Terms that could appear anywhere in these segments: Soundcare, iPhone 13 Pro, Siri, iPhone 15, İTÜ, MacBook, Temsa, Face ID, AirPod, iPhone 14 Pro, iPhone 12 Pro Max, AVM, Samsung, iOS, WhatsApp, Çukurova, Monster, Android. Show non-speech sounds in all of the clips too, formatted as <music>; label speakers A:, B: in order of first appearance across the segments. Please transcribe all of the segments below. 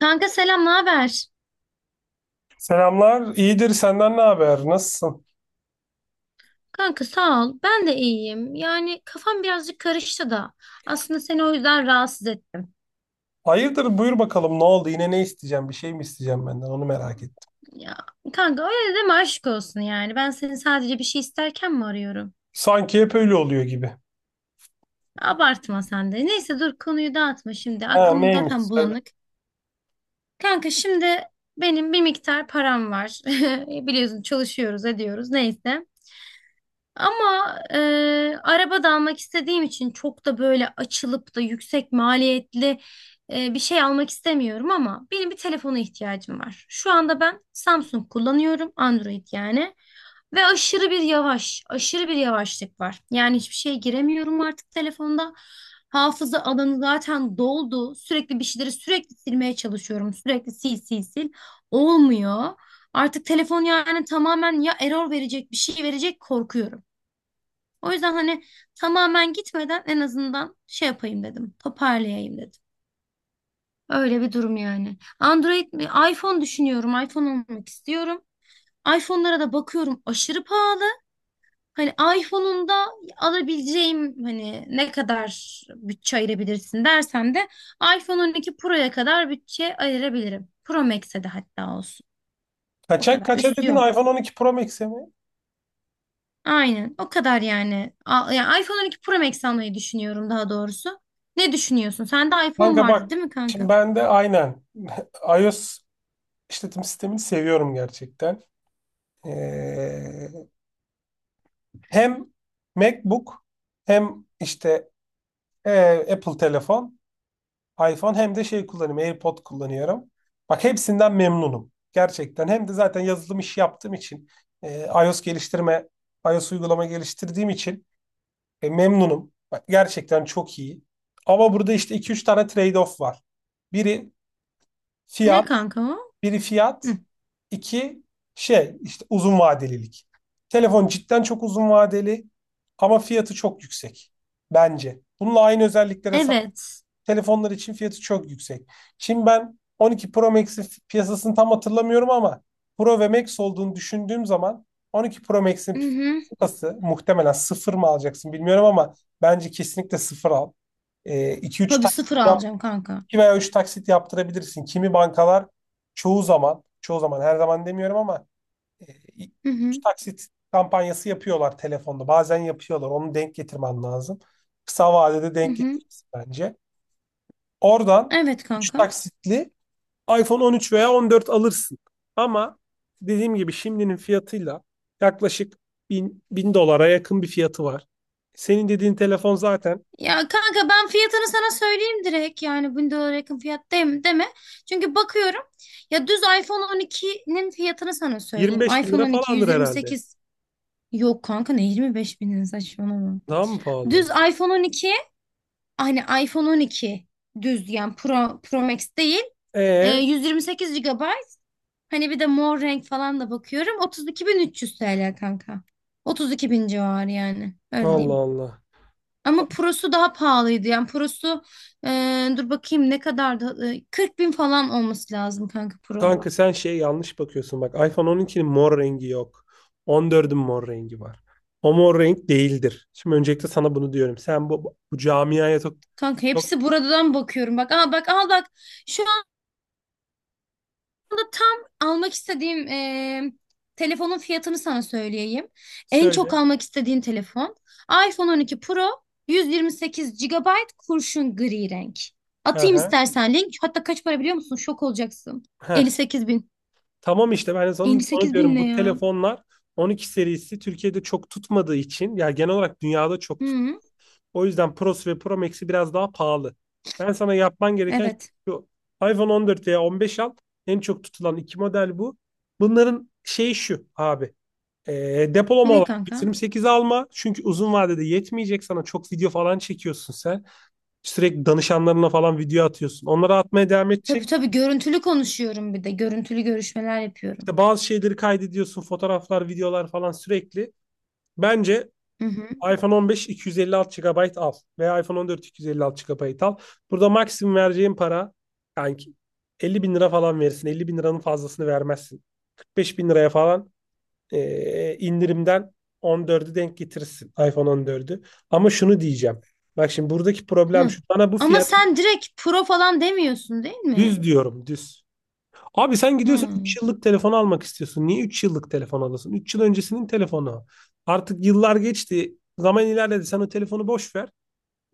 A: Kanka selam, ne haber?
B: Selamlar, iyidir. Senden ne haber? Nasılsın?
A: Kanka sağ ol. Ben de iyiyim. Yani kafam birazcık karıştı da. Aslında seni o yüzden rahatsız ettim.
B: Hayırdır, buyur bakalım. Ne oldu? Yine ne isteyeceğim? Bir şey mi isteyeceğim benden? Onu merak ettim.
A: Ya kanka öyle deme aşk olsun yani. Ben seni sadece bir şey isterken mi arıyorum?
B: Sanki hep öyle oluyor gibi.
A: Abartma sen de. Neyse dur konuyu dağıtma şimdi.
B: Ha,
A: Aklım
B: neymiş?
A: zaten
B: Söyle.
A: bulanık. Kanka şimdi benim bir miktar param var. <laughs> Biliyorsun çalışıyoruz ediyoruz neyse. Ama araba da almak istediğim için çok da böyle açılıp da yüksek maliyetli bir şey almak istemiyorum ama benim bir telefona ihtiyacım var. Şu anda ben Samsung kullanıyorum, Android yani. Ve aşırı bir yavaş, aşırı bir yavaşlık var. Yani hiçbir şeye giremiyorum artık telefonda. Hafıza alanı zaten doldu. Sürekli bir şeyleri sürekli silmeye çalışıyorum. Sürekli sil sil sil. Olmuyor. Artık telefon yani tamamen ya error verecek bir şey verecek korkuyorum. O yüzden hani tamamen gitmeden en azından şey yapayım dedim. Toparlayayım dedim. Öyle bir durum yani. Android mi? iPhone düşünüyorum. iPhone almak istiyorum. iPhone'lara da bakıyorum aşırı pahalı. Hani iPhone'un da alabileceğim hani ne kadar bütçe ayırabilirsin dersen de iPhone 12 Pro'ya kadar bütçe ayırabilirim. Pro Max'e de hatta olsun. O
B: Kaça,
A: kadar
B: kaça
A: üstü
B: dedin?
A: yok.
B: iPhone 12 Pro Max'e mi?
A: Aynen. O kadar yani. Ya iPhone 12 Pro Max almayı düşünüyorum daha doğrusu. Ne düşünüyorsun? Sende iPhone
B: Kanka bak,
A: vardı değil mi
B: şimdi
A: kanka?
B: ben de aynen <laughs> iOS işletim sistemini seviyorum gerçekten. Ee, hem MacBook hem işte e, Apple telefon iPhone hem de şey kullanıyorum. AirPod kullanıyorum. Bak hepsinden memnunum. Gerçekten. Hem de zaten yazılım işi yaptığım için iOS geliştirme, iOS uygulama geliştirdiğim için memnunum. Bak, gerçekten çok iyi. Ama burada işte iki üç tane trade-off var. Biri
A: Ne
B: fiyat,
A: kanka o?
B: biri fiyat,
A: Hı.
B: iki şey işte uzun vadelilik. Telefon cidden çok uzun vadeli ama fiyatı çok yüksek bence. Bununla aynı özelliklere sahip
A: Evet.
B: telefonlar için fiyatı çok yüksek. Şimdi ben 12 Pro Max'in piyasasını tam hatırlamıyorum ama Pro ve Max olduğunu düşündüğüm zaman 12 Pro Max'in
A: Hı hı.
B: piyasası muhtemelen sıfır mı alacaksın bilmiyorum ama bence kesinlikle sıfır al. 2-3
A: Tabii
B: taksit
A: sıfır
B: yap,
A: alacağım kanka.
B: 2 veya 3 taksit yaptırabilirsin. Kimi bankalar çoğu zaman, çoğu zaman her zaman demiyorum ama e,
A: Hı
B: üç
A: hı.
B: taksit kampanyası yapıyorlar telefonda. Bazen yapıyorlar. Onu denk getirmen lazım. Kısa vadede
A: Hı
B: denk
A: hı.
B: getirirsin bence. Oradan
A: Evet
B: 3
A: kanka.
B: taksitli iPhone 13 veya 14 alırsın. Ama dediğim gibi şimdinin fiyatıyla yaklaşık bin dolara yakın bir fiyatı var. Senin dediğin telefon zaten
A: Ya kanka ben fiyatını sana söyleyeyim direkt. Yani 1000 dolara yakın fiyat değil, deme. Çünkü bakıyorum. Ya düz iPhone 12'nin fiyatını sana söyleyeyim.
B: 25 bin
A: iPhone
B: lira
A: 12
B: falandır herhalde.
A: 128. Yok kanka ne 25 binin saçmalama.
B: Daha mı
A: Düz
B: pahalı?
A: iPhone 12 hani iPhone 12 düz yani Pro, Pro Max değil.
B: E
A: 128 GB. Hani bir de mor renk falan da bakıyorum. 32.300 TL kanka. 32.000 civarı yani. Öyle
B: Allah
A: diyeyim.
B: Allah. A-
A: Ama Pro'su daha pahalıydı. Yani Pro'su e, dur bakayım ne kadardı? E, 40 bin falan olması lazım kanka Pro.
B: Kanka sen şey yanlış bakıyorsun. Bak iPhone 12'nin mor rengi yok. 14'ün mor rengi var. O mor renk değildir. Şimdi öncelikle sana bunu diyorum. Sen bu camiaya çok,
A: Kanka
B: çok
A: hepsi buradan bakıyorum. Bak al bak al bak. Şu anda tam almak istediğim telefonun fiyatını sana söyleyeyim. En çok
B: söyle.
A: almak istediğim telefon iPhone 12 Pro 128 GB kurşun gri renk.
B: Hı
A: Atayım
B: hı.
A: istersen link. Hatta kaç para biliyor musun? Şok olacaksın.
B: Heh.
A: 58 bin.
B: Tamam işte ben de sana onu
A: 58 bin
B: diyorum
A: ne
B: bu
A: ya?
B: telefonlar 12 serisi Türkiye'de çok tutmadığı için ya genel olarak dünyada çok tut.
A: Hı,
B: O yüzden Pro'su ve Pro Max'i biraz daha pahalı. Ben sana yapman gereken şey
A: evet.
B: şu. iPhone 14 veya 15 al. En çok tutulan iki model bu. Bunların şeyi şu abi. E, depolama
A: Ne
B: olarak
A: kanka?
B: 128 alma. Çünkü uzun vadede yetmeyecek sana. Çok video falan çekiyorsun sen. Sürekli danışanlarına falan video atıyorsun. Onları atmaya devam
A: Tabii
B: edecek.
A: tabii görüntülü konuşuyorum bir de. Görüntülü görüşmeler yapıyorum.
B: İşte bazı şeyleri kaydediyorsun. Fotoğraflar, videolar falan sürekli. Bence
A: Hı hı.
B: iPhone 15 250 256 GB al veya iPhone 14 250 256 GB al. Burada maksimum vereceğin para kanki 50 bin lira falan verirsin. 50 bin liranın fazlasını vermezsin. 45 bin liraya falan indirimden 14'ü denk getirirsin iPhone 14'ü. Ama şunu diyeceğim. Bak şimdi buradaki problem
A: Hı.
B: şu. Bana bu
A: Ama
B: fiyat
A: sen direkt pro falan demiyorsun değil mi?
B: düz diyorum düz. Abi sen gidiyorsun 3
A: Hı.
B: yıllık telefon almak istiyorsun. Niye 3 yıllık telefon alasın? 3 yıl öncesinin telefonu. Artık yıllar geçti. Zaman ilerledi. Sen o telefonu boş ver.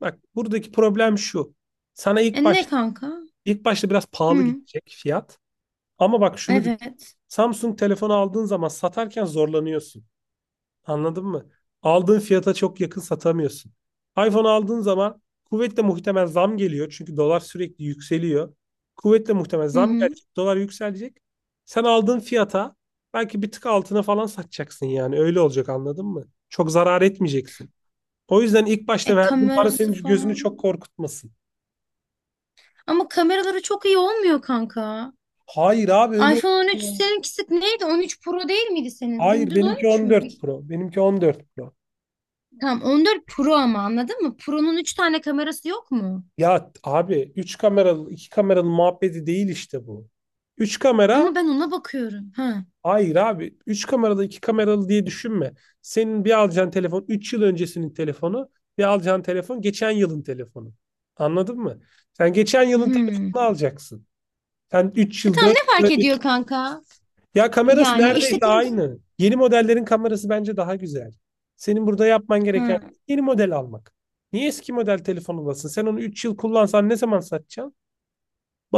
B: Bak buradaki problem şu. Sana
A: E
B: ilk
A: ne
B: başta
A: kanka?
B: ilk başta biraz pahalı
A: Hı.
B: gelecek fiyat. Ama bak şunu düşün.
A: Evet.
B: Samsung telefonu aldığın zaman satarken zorlanıyorsun. Anladın mı? Aldığın fiyata çok yakın satamıyorsun. iPhone aldığın zaman kuvvetle muhtemel zam geliyor. Çünkü dolar sürekli yükseliyor. Kuvvetle muhtemel
A: Hı
B: zam
A: hı.
B: gelecek. Dolar yükselecek. Sen aldığın fiyata belki bir tık altına falan satacaksın yani. Öyle olacak anladın mı? Çok zarar etmeyeceksin. O yüzden ilk başta
A: E
B: verdiğin para
A: kamerası
B: senin gözünü
A: falan.
B: çok korkutmasın.
A: Ama kameraları çok iyi olmuyor kanka.
B: Hayır abi öyle
A: iPhone 13
B: olmuyor ya.
A: seninkisi neydi? 13 Pro değil miydi senin? Senin
B: Hayır
A: düz
B: benimki
A: 13 mü?
B: 14 Pro. Benimki 14 Pro.
A: Tamam 14 Pro ama anladın mı? Pro'nun 3 tane kamerası yok mu?
B: Ya abi 3 kameralı 2 kameralı muhabbeti değil işte bu. 3 kamera
A: Ama ben ona bakıyorum. Ha.
B: hayır abi 3 kameralı 2 kameralı diye düşünme. Senin bir alacağın telefon 3 yıl öncesinin telefonu, bir alacağın telefon geçen yılın telefonu. Anladın mı? Sen geçen yılın
A: Hmm.
B: telefonunu alacaksın. Sen üç
A: E
B: yıl
A: tamam
B: dört
A: ne fark
B: yıl
A: ediyor kanka?
B: Ya kamerası
A: Yani
B: neredeyse
A: işletim...
B: aynı. Yeni modellerin kamerası bence daha güzel. Senin burada yapman gereken
A: Ha.
B: yeni model almak. Niye eski model telefon olasın? Sen onu 3 yıl kullansan ne zaman satacaksın?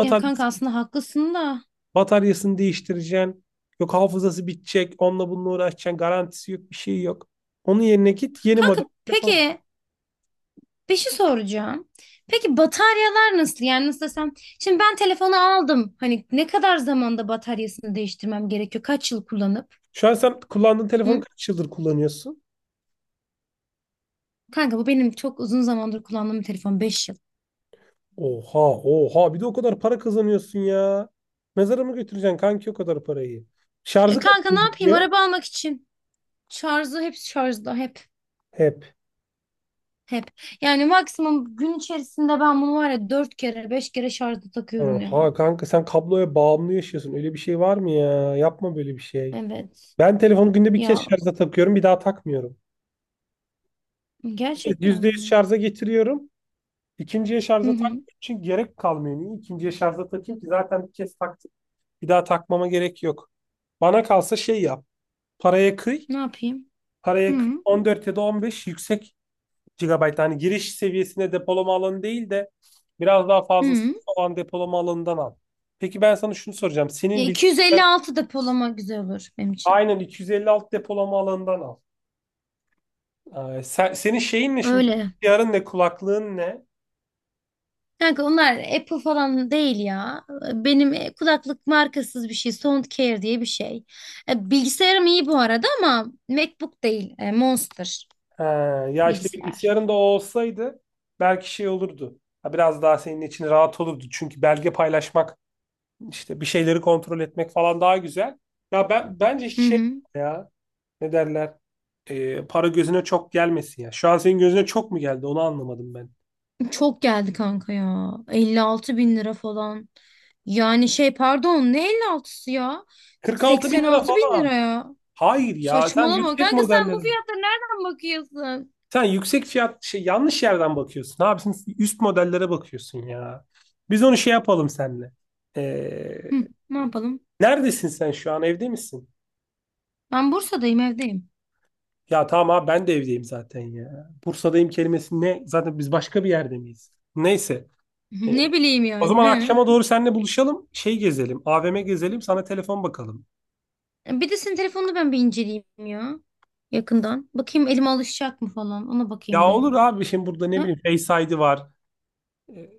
A: Ya kanka aslında haklısın da.
B: bataryasını değiştireceksin. Yok hafızası bitecek. Onunla bununla uğraşacaksın. Garantisi yok. Bir şey yok. Onun yerine git yeni
A: Kanka
B: model telefon al.
A: peki, bir şey soracağım. Peki bataryalar nasıl? Yani nasıl desem? Şimdi ben telefonu aldım. Hani ne kadar zamanda bataryasını değiştirmem gerekiyor? Kaç yıl kullanıp?
B: Şu an sen kullandığın telefonu
A: Hı?
B: kaç yıldır kullanıyorsun?
A: Kanka bu benim çok uzun zamandır kullandığım bir telefon. 5 yıl.
B: Oha, oha, bir de o kadar para kazanıyorsun ya. Mezara mı götüreceksin kanki o kadar parayı?
A: E,
B: Şarjı kaç
A: kanka
B: gün
A: ne yapayım?
B: gidiyor?
A: Araba almak için. Şarjı hep şarjda. Hep.
B: He.
A: Hep. Yani maksimum gün içerisinde ben bunu var ya 4 kere 5 kere şarjda takıyorum yani.
B: Oha kanka sen kabloya bağımlı yaşıyorsun. Öyle bir şey var mı ya? Yapma böyle bir şey.
A: Evet.
B: Ben telefonu günde bir kez
A: Ya
B: şarja takıyorum, bir daha takmıyorum. Bir kez
A: gerçekten
B: %100
A: mi?
B: şarja getiriyorum. İkinciye
A: Hı
B: şarja
A: hı.
B: takmak için gerek kalmıyor. Niye ikinciye şarja takayım ki? Zaten bir kez taktım. Bir daha takmama gerek yok. Bana kalsa şey yap. Paraya kıy.
A: Ne yapayım?
B: Paraya kıy.
A: Hı
B: 14 ya da 15 yüksek gigabayt. Hani giriş seviyesine depolama alanı değil de biraz daha fazlası
A: hı.
B: olan depolama alanından al. Peki ben sana şunu soracağım.
A: Ya
B: Senin bilgisayarın.
A: 256 depolama güzel olur benim için.
B: Aynen iki yüz elli alt depolama alanından al. Senin şeyin ne şimdi?
A: Öyle.
B: Bilgisayarın ne? Kulaklığın ne?
A: Kanka onlar Apple falan değil ya. Benim kulaklık markasız bir şey. Soundcare diye bir şey. Bilgisayarım iyi bu arada ama MacBook değil. Monster
B: He, ya işte
A: bilgisayar.
B: bilgisayarın da o olsaydı belki şey olurdu. Ha, biraz daha senin için rahat olurdu. Çünkü belge paylaşmak, işte bir şeyleri kontrol etmek falan daha güzel. Ya ben bence
A: Hı
B: şey
A: hı.
B: ya, ne derler? Para gözüne çok gelmesin ya. Şu an senin gözüne çok mu geldi? Onu anlamadım ben.
A: Çok geldi kanka ya. 56 bin lira falan. Yani şey pardon ne 56'sı ya?
B: 46 bin lira
A: 86 bin lira
B: falan.
A: ya.
B: Hayır ya sen
A: Saçmalama
B: yüksek
A: kanka sen bu
B: modelleri.
A: fiyatlara nereden bakıyorsun?
B: Sen yüksek fiyat şey yanlış yerden bakıyorsun. Abi sen üst modellere bakıyorsun ya. Biz onu şey yapalım seninle. Ee,
A: Hı, ne yapalım?
B: neredesin sen şu an? Evde misin?
A: Ben Bursa'dayım evdeyim.
B: Ya tamam abi ben de evdeyim zaten ya. Bursa'dayım kelimesi ne? Zaten biz başka bir yerde miyiz? Neyse. Ee,
A: <laughs> Ne bileyim
B: o
A: yani.
B: zaman akşama doğru seninle buluşalım. Şey gezelim. AVM gezelim. Sana telefon bakalım.
A: He. Bir de senin telefonunu ben bir inceleyeyim ya. Yakından. Bakayım elime alışacak mı falan. Ona bakayım
B: Ya
A: be.
B: olur abi şimdi burada ne
A: Ha?
B: bileyim Face ID var. Ee,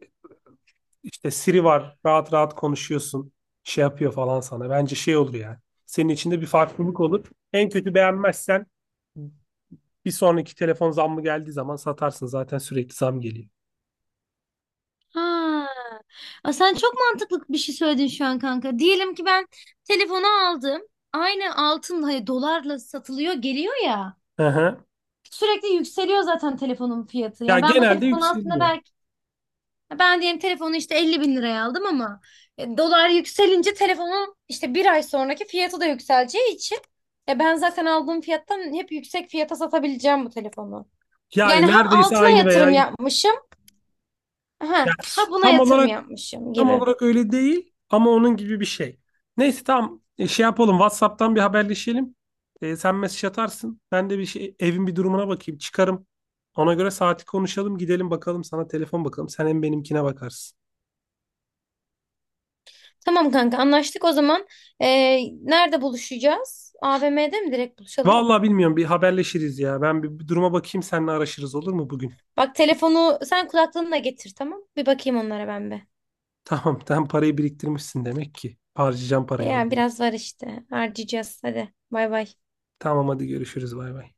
B: İşte Siri var. Rahat rahat konuşuyorsun. Şey yapıyor falan sana. Bence şey olur yani. Senin içinde bir farklılık olur. En kötü beğenmezsen bir sonraki telefon zammı geldiği zaman satarsın. Zaten sürekli zam geliyor.
A: Ha. Aa, sen çok mantıklı bir şey söyledin şu an kanka. Diyelim ki ben telefonu aldım. Aynı altın hani dolarla satılıyor geliyor ya.
B: Hı hı.
A: Sürekli yükseliyor zaten telefonun fiyatı.
B: Ya
A: Yani ben bu
B: genelde
A: telefonu aslında.
B: yükseliyor.
A: Ya ben diyelim telefonu işte 50 bin liraya aldım ama dolar yükselince telefonun işte bir ay sonraki fiyatı da yükseleceği için ben zaten aldığım fiyattan hep yüksek fiyata satabileceğim bu telefonu. Yani
B: Yani
A: ha
B: neredeyse
A: altına
B: aynı veya
A: yatırım yapmışım ha,
B: yani
A: ha buna
B: tam
A: yatırım
B: olarak.
A: yapmışım
B: Tam
A: gibi.
B: olarak öyle değil ama onun gibi bir şey. Neyse tamam. Şey yapalım, WhatsApp'tan bir haberleşelim. Sen mesaj atarsın. Ben de bir şey, evin bir durumuna bakayım çıkarım. Ona göre saati konuşalım, gidelim bakalım sana telefon bakalım. Sen hem benimkine bakarsın.
A: Tamam kanka anlaştık o zaman. E, nerede buluşacağız? AVM'de mi direkt buluşalım?
B: Vallahi bilmiyorum, bir haberleşiriz ya. Ben bir duruma bakayım, seninle araşırız olur mu bugün?
A: Bak telefonu sen kulaklığını da getir tamam. Bir bakayım onlara ben be.
B: <laughs> Tamam sen parayı biriktirmişsin demek ki. Harcayacağım parayı
A: Ya
B: ondan.
A: biraz var işte harcayacağız hadi bay bay.
B: Tamam hadi görüşürüz, bay bay.